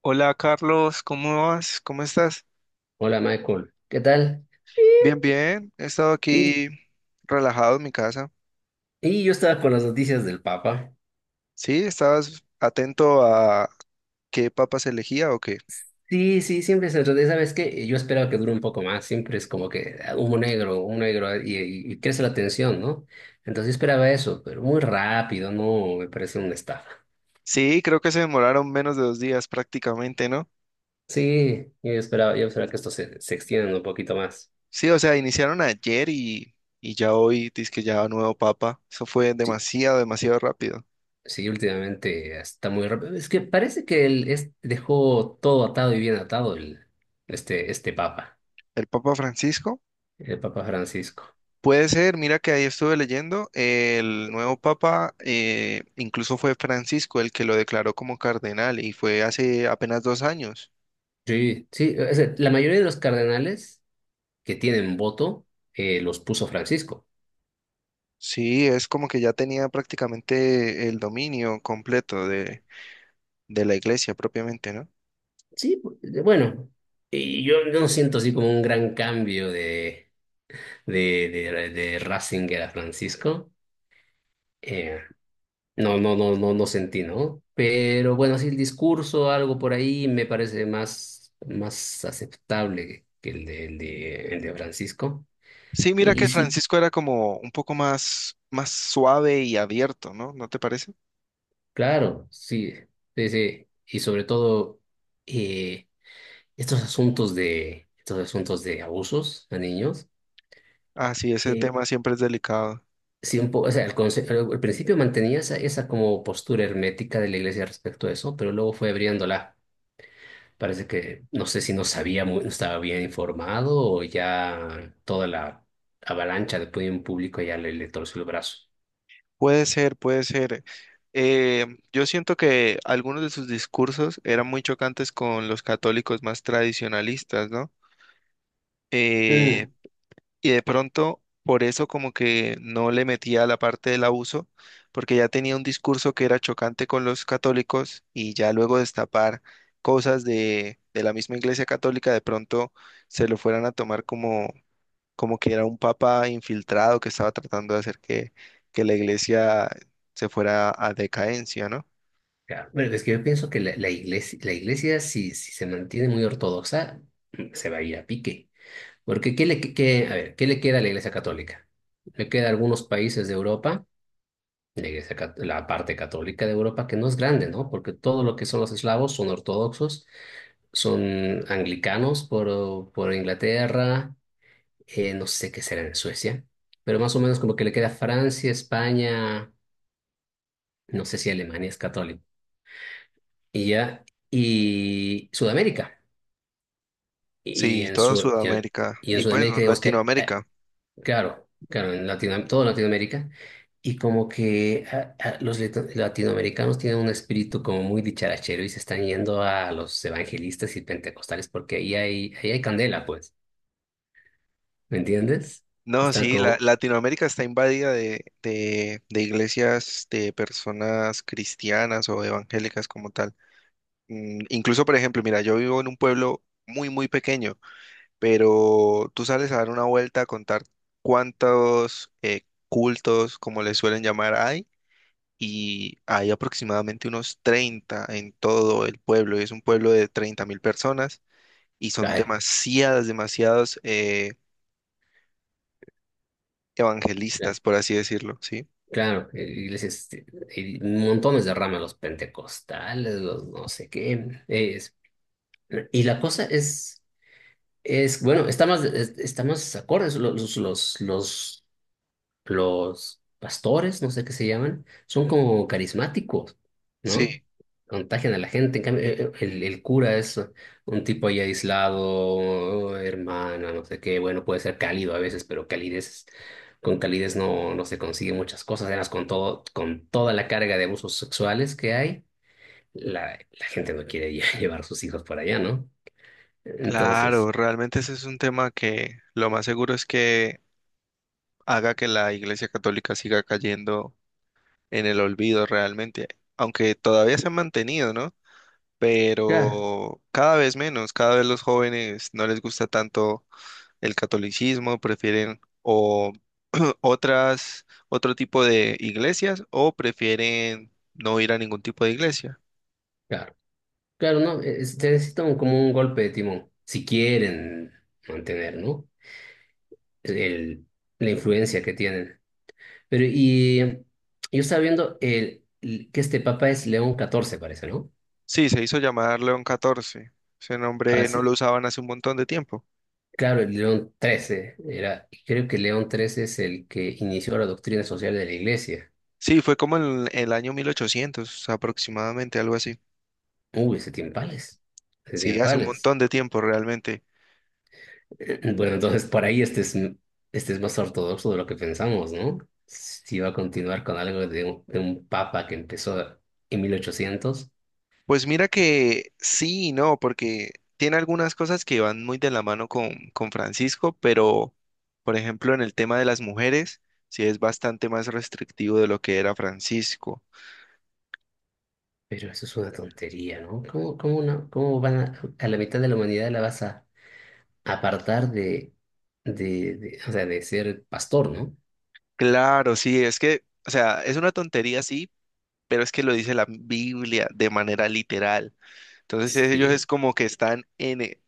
Hola Carlos, ¿cómo vas? ¿Cómo estás? Hola Michael, ¿qué tal? Bien, bien. He estado Y, aquí relajado en mi casa. y yo estaba con las noticias del Papa. Sí, ¿estabas atento a qué papa se elegía o qué? Sí, sí, siempre se enrede. ¿Sabes qué? Yo esperaba que dure un poco más. Siempre es como que humo negro y crece la tensión, ¿no? Entonces yo esperaba eso, pero muy rápido, no, me parece una estafa. Sí, creo que se demoraron menos de 2 días prácticamente, ¿no? Sí, yo esperaba que esto se extienda un poquito más. Sí, o sea, iniciaron ayer y ya hoy dice que ya nuevo papa. Eso fue Sí, demasiado, demasiado rápido. sí, últimamente está muy rápido. Es que parece que dejó todo atado y bien atado este Papa, ¿El Papa Francisco? el Papa Francisco. Puede ser, mira que ahí estuve leyendo, el nuevo papa incluso fue Francisco el que lo declaró como cardenal y fue hace apenas 2 años. Sí, sí, o sea, la mayoría de los cardenales que tienen voto los puso Francisco. Sí, es como que ya tenía prácticamente el dominio completo de la iglesia propiamente, ¿no? Sí, bueno, y yo no siento así como un gran cambio de Ratzinger a Francisco. Eh, no, no, no, no, no sentí, ¿no? Pero bueno, sí, el discurso, algo por ahí, me parece más aceptable que el de Francisco. Sí, mira Y que sí, Francisco era como un poco más, más suave y abierto, ¿no? ¿No te parece? claro, sí, sí, sí. Y sobre todo. eh, estos asuntos de abusos a niños, Ah, sí, ese eh, tema siempre es delicado. sí o sea, al principio mantenía esa como postura hermética de la iglesia respecto a eso, pero luego fue abriéndola. Parece que no sé si no sabía, no estaba bien informado o ya toda la avalancha de opinión público ya le torció el brazo. Puede ser, puede ser. Eh, yo siento que algunos de sus discursos eran muy chocantes con los católicos más tradicionalistas, ¿no? Eh, Mm, y de pronto, por eso como que no le metía la parte del abuso, porque ya tenía un discurso que era chocante con los católicos y ya luego destapar cosas de la misma Iglesia Católica, de pronto se lo fueran a tomar como que era un papa infiltrado que estaba tratando de hacer que la iglesia se fuera a decadencia, ¿no? claro. Bueno, es que yo pienso que la iglesia, si se mantiene muy ortodoxa, se va a ir a pique. Porque ¿qué le, que- a ver, ¿qué le queda a la Iglesia Católica? Le queda a algunos países de Europa, la parte católica de Europa, que no es grande, ¿no? Porque todo lo que son los eslavos son ortodoxos, son anglicanos por Inglaterra. No sé qué será en Suecia, pero más o menos como que le queda Francia, España, no sé si Alemania es católico, y ya, y Sudamérica. Y Sí, en, toda Sud- y en, Sudamérica y en y pues no, Sudamérica digamos que Latinoamérica. Claro, claro, en todo Latinoamérica. Y como que los latinoamericanos tienen un espíritu como muy dicharachero y se están yendo a los evangelistas y pentecostales porque ahí hay candela, pues. ¿Me entiendes? No, Están sí, la, como. Latinoamérica está invadida de, de iglesias de personas cristianas o evangélicas como tal. Mm, incluso, por ejemplo, mira, yo vivo en un pueblo muy, muy pequeño, pero tú sales a dar una vuelta a contar cuántos cultos, como les suelen llamar, hay y hay aproximadamente unos 30 en todo el pueblo. Es un pueblo de 30.000 personas y son Ay, demasiadas, demasiados ya, evangelistas, por así decirlo, ¿sí? claro, iglesias, y montones de ramas, los pentecostales, los no sé qué. Y la cosa es. Es, bueno, está más acorde, los pastores, no sé qué se llaman, son como carismáticos, Sí, ¿no? Contagian a la gente. En cambio, el cura es un tipo ahí aislado, hermano, no sé qué. Bueno, puede ser cálido a veces, pero con calidez no se consigue muchas cosas. Además, con toda la carga de abusos sexuales que hay, la gente no quiere llevar sus hijos por allá, ¿no? Entonces, claro, realmente ese es un tema que lo más seguro es que haga que la Iglesia Católica siga cayendo en el olvido realmente, aunque todavía se ha mantenido, ¿no? ya. Pero cada vez menos, cada vez los jóvenes no les gusta tanto el catolicismo, prefieren o otras, otro tipo de iglesias o prefieren no ir a ningún tipo de iglesia. Claro, no, se necesita como un golpe de timón, si quieren mantener, ¿no? El, la influencia que tienen. Pero yo estaba viendo que este papa es León XIV, parece, ¿no? Sí, se hizo llamar León XIV. Ese Ah, nombre no sí. lo usaban hace un montón de tiempo. Claro, el León XIII era, y creo que León XIII es el que inició la doctrina social de la iglesia. Sí, fue como en el año 1800, aproximadamente, algo así. Uy, ese tiempales, ese Sí, hace un tiempales. montón de tiempo realmente. Bueno, entonces por ahí este es más ortodoxo de lo que pensamos, ¿no? Si va a continuar con algo de un papa que empezó en 1800, Pues mira que sí y no, porque tiene algunas cosas que van muy de la mano con Francisco, pero por ejemplo en el tema de las mujeres, sí es bastante más restrictivo de lo que era Francisco. pero eso es una tontería, ¿no? ¿Cómo van a la mitad de la humanidad la vas a apartar o sea, de ser pastor, ¿no? Claro, sí, es que, o sea, es una tontería, sí, pero es que lo dice la Biblia de manera literal. Entonces ellos es Sí, como que están en,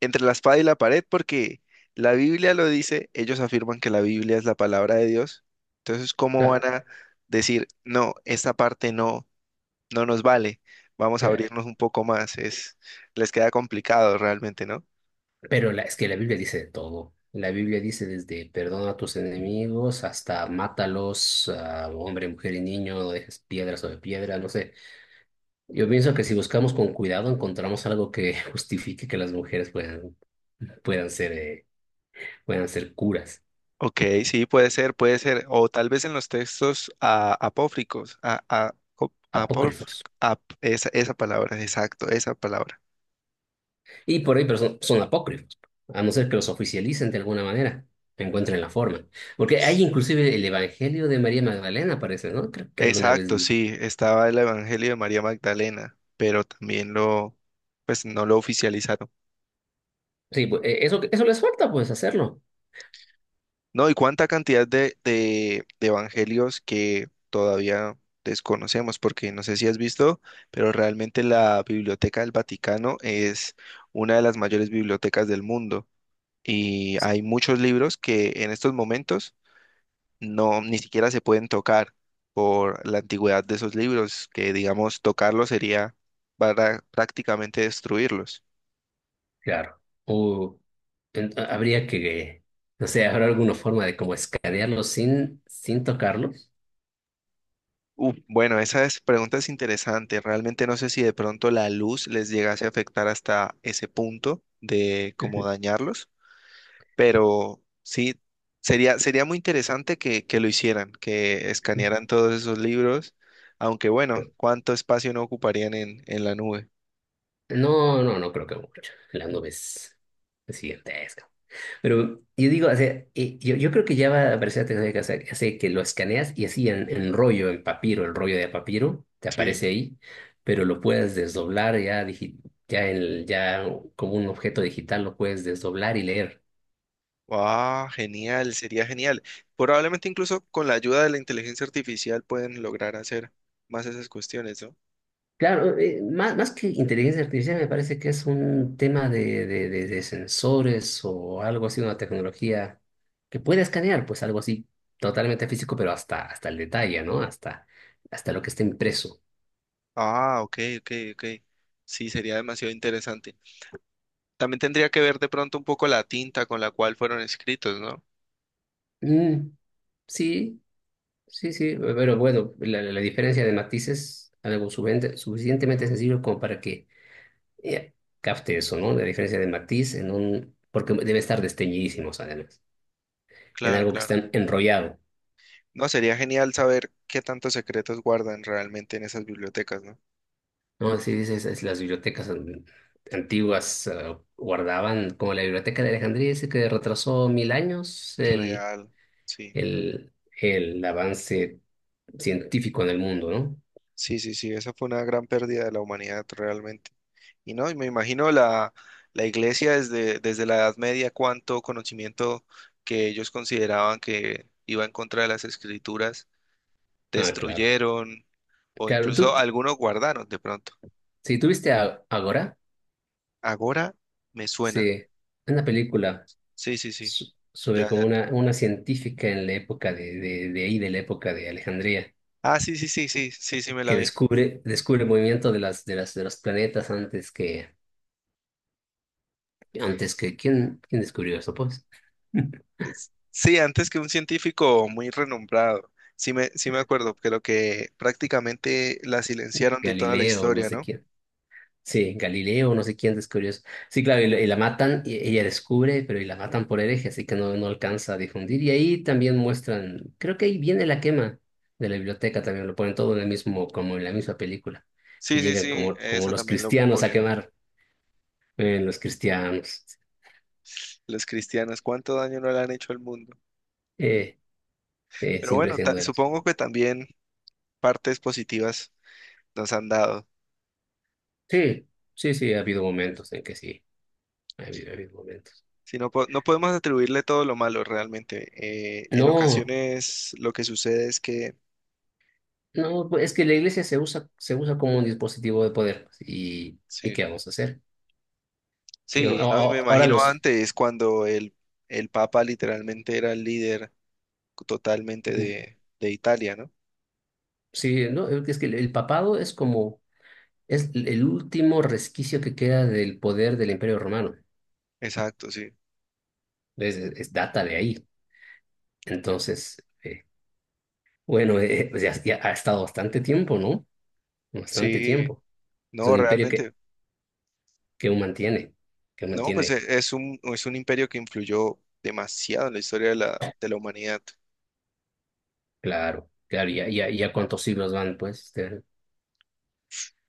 entre la espada y la pared porque la Biblia lo dice, ellos afirman que la Biblia es la palabra de Dios. Entonces, ¿cómo van claro, a decir, no, esta parte no, no nos vale? Vamos a abrirnos un poco más. Es, les queda complicado realmente, ¿no? pero es que la Biblia dice de todo. La Biblia dice desde perdona a tus enemigos hasta mátalos a hombre, mujer y niño, no dejes piedra sobre piedra, no sé. Yo pienso que si buscamos con cuidado encontramos algo que justifique que las mujeres puedan ser, eh, puedan ser curas, Ok, sí, puede ser, puede ser. O tal vez en los textos apócrifos, apócrifos. Esa, esa palabra. Y por ahí, pero son apócrifos, a no ser que los oficialicen de alguna manera, encuentren la forma. Porque hay inclusive el Evangelio de María Magdalena, parece, ¿no? Creo que alguna vez Exacto, vi. sí, estaba el Evangelio de María Magdalena, pero también lo, pues no lo oficializaron. Sí, pues, eso les falta, pues, hacerlo. No, y cuánta cantidad de evangelios que todavía desconocemos, porque no sé si has visto, pero realmente la Biblioteca del Vaticano es una de las mayores bibliotecas del mundo y hay muchos libros que en estos momentos no, ni siquiera se pueden tocar por la antigüedad de esos libros, que digamos tocarlos sería para prácticamente destruirlos. Claro. O habría que, no sé, habrá alguna forma de como escanearlos sin tocarlos. Bueno, pregunta es interesante. Realmente no sé si de pronto la luz les llegase a afectar hasta ese punto de cómo dañarlos, pero sí, sería, sería muy interesante que lo hicieran, que escanearan todos esos libros, aunque bueno, ¿cuánto espacio no ocuparían en la nube? No, no, no creo que mucho. La nube es gigantesca. Pero yo digo, o sea, yo creo que ya va a aparecer la tecnología que hace que lo escaneas y así en rollo, en papiro, el rollo de papiro, te Sí. aparece ahí, pero lo puedes desdoblar ya, ya como un objeto digital, lo puedes desdoblar y leer. Ah, genial, sería genial. Probablemente incluso con la ayuda de la inteligencia artificial pueden lograr hacer más esas cuestiones, ¿no? Claro, más que inteligencia artificial me parece que es un tema de sensores o algo así, una tecnología que puede escanear, pues algo así totalmente físico, pero hasta el detalle, ¿no? Hasta lo que está impreso. Ah, ok, ok, ok. Sí, sería demasiado interesante. También tendría que ver de pronto un poco la tinta con la cual fueron escritos, ¿no? Mm, sí, sí, sí, pero bueno, la diferencia de matices, algo suficientemente sencillo como para que eh, capte eso, ¿no? La diferencia de matiz porque debe estar desteñidísimos además, en Claro, algo que claro. está enrollado. No, sería genial saber qué tantos secretos guardan realmente en esas bibliotecas, ¿no? No, sí, dices, las bibliotecas antiguas guardaban, como la biblioteca de Alejandría dice que retrasó 1.000 años Real, sí. el, el avance científico en el mundo, ¿no? Sí, sí, sí, esa fue una gran pérdida de la humanidad realmente. Y no, y me imagino la, la iglesia desde, desde la Edad Media, cuánto conocimiento que ellos consideraban que iba en contra de las escrituras, Ah, claro. destruyeron o Claro, tú, incluso algunos guardaron de pronto. si tuviste a Agora, Agora me suena. sí, una película Sí, sí, sí. so- sobre Ya, como ya. una científica en la época de ahí, de la época de Alejandría, Ah, sí, sí, sí, sí, sí, sí, me la que vi. descubre el movimiento de los planetas antes que, ¿quién descubrió eso, pues? Sí, antes que un científico muy renombrado. Sí me acuerdo, creo que prácticamente la silenciaron de toda la Galileo, no historia, sé ¿no? quién. Sí, Galileo, no sé quién descubrió eso. Sí, claro, y la matan, y ella descubre, pero y la matan por hereje, así que no alcanza a difundir. Y ahí también muestran, creo que ahí viene la quema de la biblioteca también, lo ponen todo en el mismo, como en la misma película, que Sí, sí, llegan sí, como eso los también lo cristianos a ponen. quemar, los cristianos, Los cristianos, cuánto daño no le han hecho al mundo. eh, Pero siempre bueno, siendo de las. supongo que también partes positivas nos han dado. Sí, sí, sí, ha habido momentos en que sí, ha habido momentos. Si no, no podemos atribuirle todo lo malo realmente. En No. ocasiones lo que sucede es que, No, pues, es que la iglesia se usa como un dispositivo de poder. Pues, ¿Y sí, qué vamos a hacer? ¿Qué- a- a- sí, ¿no? Y me ahora imagino los... antes cuando el Papa literalmente era el líder totalmente Ujú. De Italia, ¿no? Sí, no, es que el papado es como. Es el último resquicio que queda del poder del Imperio Romano. Exacto, sí. Data de ahí. Entonces, bueno, pues ya ha estado bastante tiempo, ¿no? Bastante Sí, tiempo. Es un no, imperio que, realmente. que aún mantiene, que No, pues mantiene, es un imperio que influyó demasiado en la historia de la humanidad, claro, claro, ya cuántos siglos van, pues.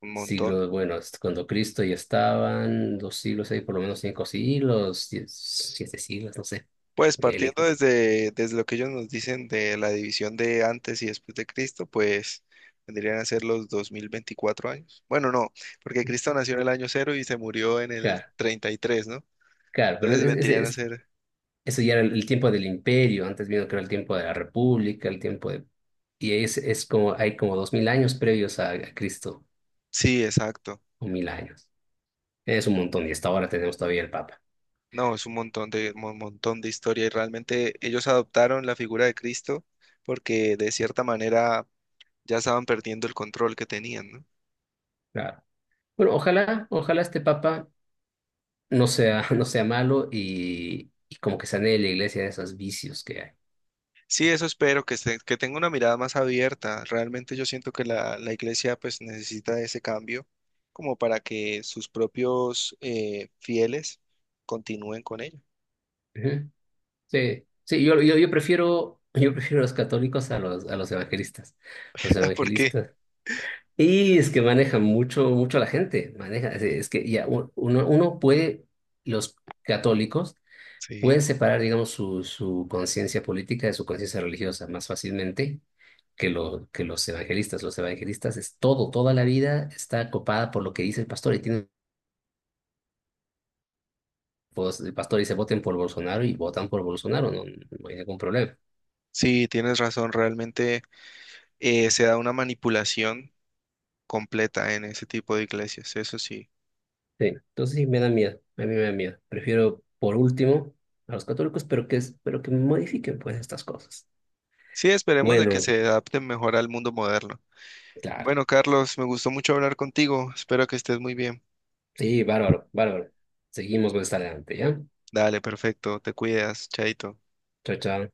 un montón. Siglo, bueno, es cuando Cristo ya estaban, 2 siglos, ahí por lo menos 5 siglos, 7 siglos, no sé. Pues El- partiendo desde, desde lo que ellos nos dicen de la división de antes y después de Cristo, pues vendrían a ser los 2024 años. Bueno, no, porque Cristo nació en el año cero y se murió en el claro, 33, ¿no? claro, pero Entonces vendrían a ser, eso ya era el tiempo del imperio, antes vino que era el tiempo de la república, el tiempo de. Y es como, hay como 2.000 años previos a Cristo, sí, exacto. o 1.000 años. Es un montón, y hasta ahora tenemos todavía el Papa. No, es un montón de historia y realmente ellos adoptaron la figura de Cristo porque de cierta manera ya estaban perdiendo el control que tenían, ¿no? Claro. Bueno, ojalá este Papa no sea, no sea malo y como que sane la iglesia de esos vicios que hay. Sí, eso espero, que tenga una mirada más abierta. Realmente yo siento que la iglesia pues necesita ese cambio como para que sus propios fieles continúen con ella. Ujú. Sí, sí, yo prefiero a los católicos a los evangelistas. Los Porque evangelistas. Y es que manejan mucho, mucho a la gente. Maneja, es que ya uno puede, los católicos pueden sí, separar, digamos, su conciencia política de su conciencia religiosa más fácilmente que los evangelistas. Los evangelistas es toda la vida está copada por lo que dice el pastor y tiene, pues, el pastor dice voten por Bolsonaro y votan por Bolsonaro, no, no hay ningún problema. sí, tienes razón, realmente se da una manipulación completa en ese tipo de iglesias, eso sí. Sí, entonces sí me da miedo, a mí me da miedo. Prefiero por último a los católicos, pero que modifiquen pues estas cosas. Sí, esperemos de que Bueno, se adapten mejor al mundo moderno. claro. Bueno, Carlos, me gustó mucho hablar contigo, espero que estés muy bien. Sí, bárbaro, bárbaro. Seguimos más adelante, ¿ya? Dale, perfecto, te cuidas, chaito. Chao, chao.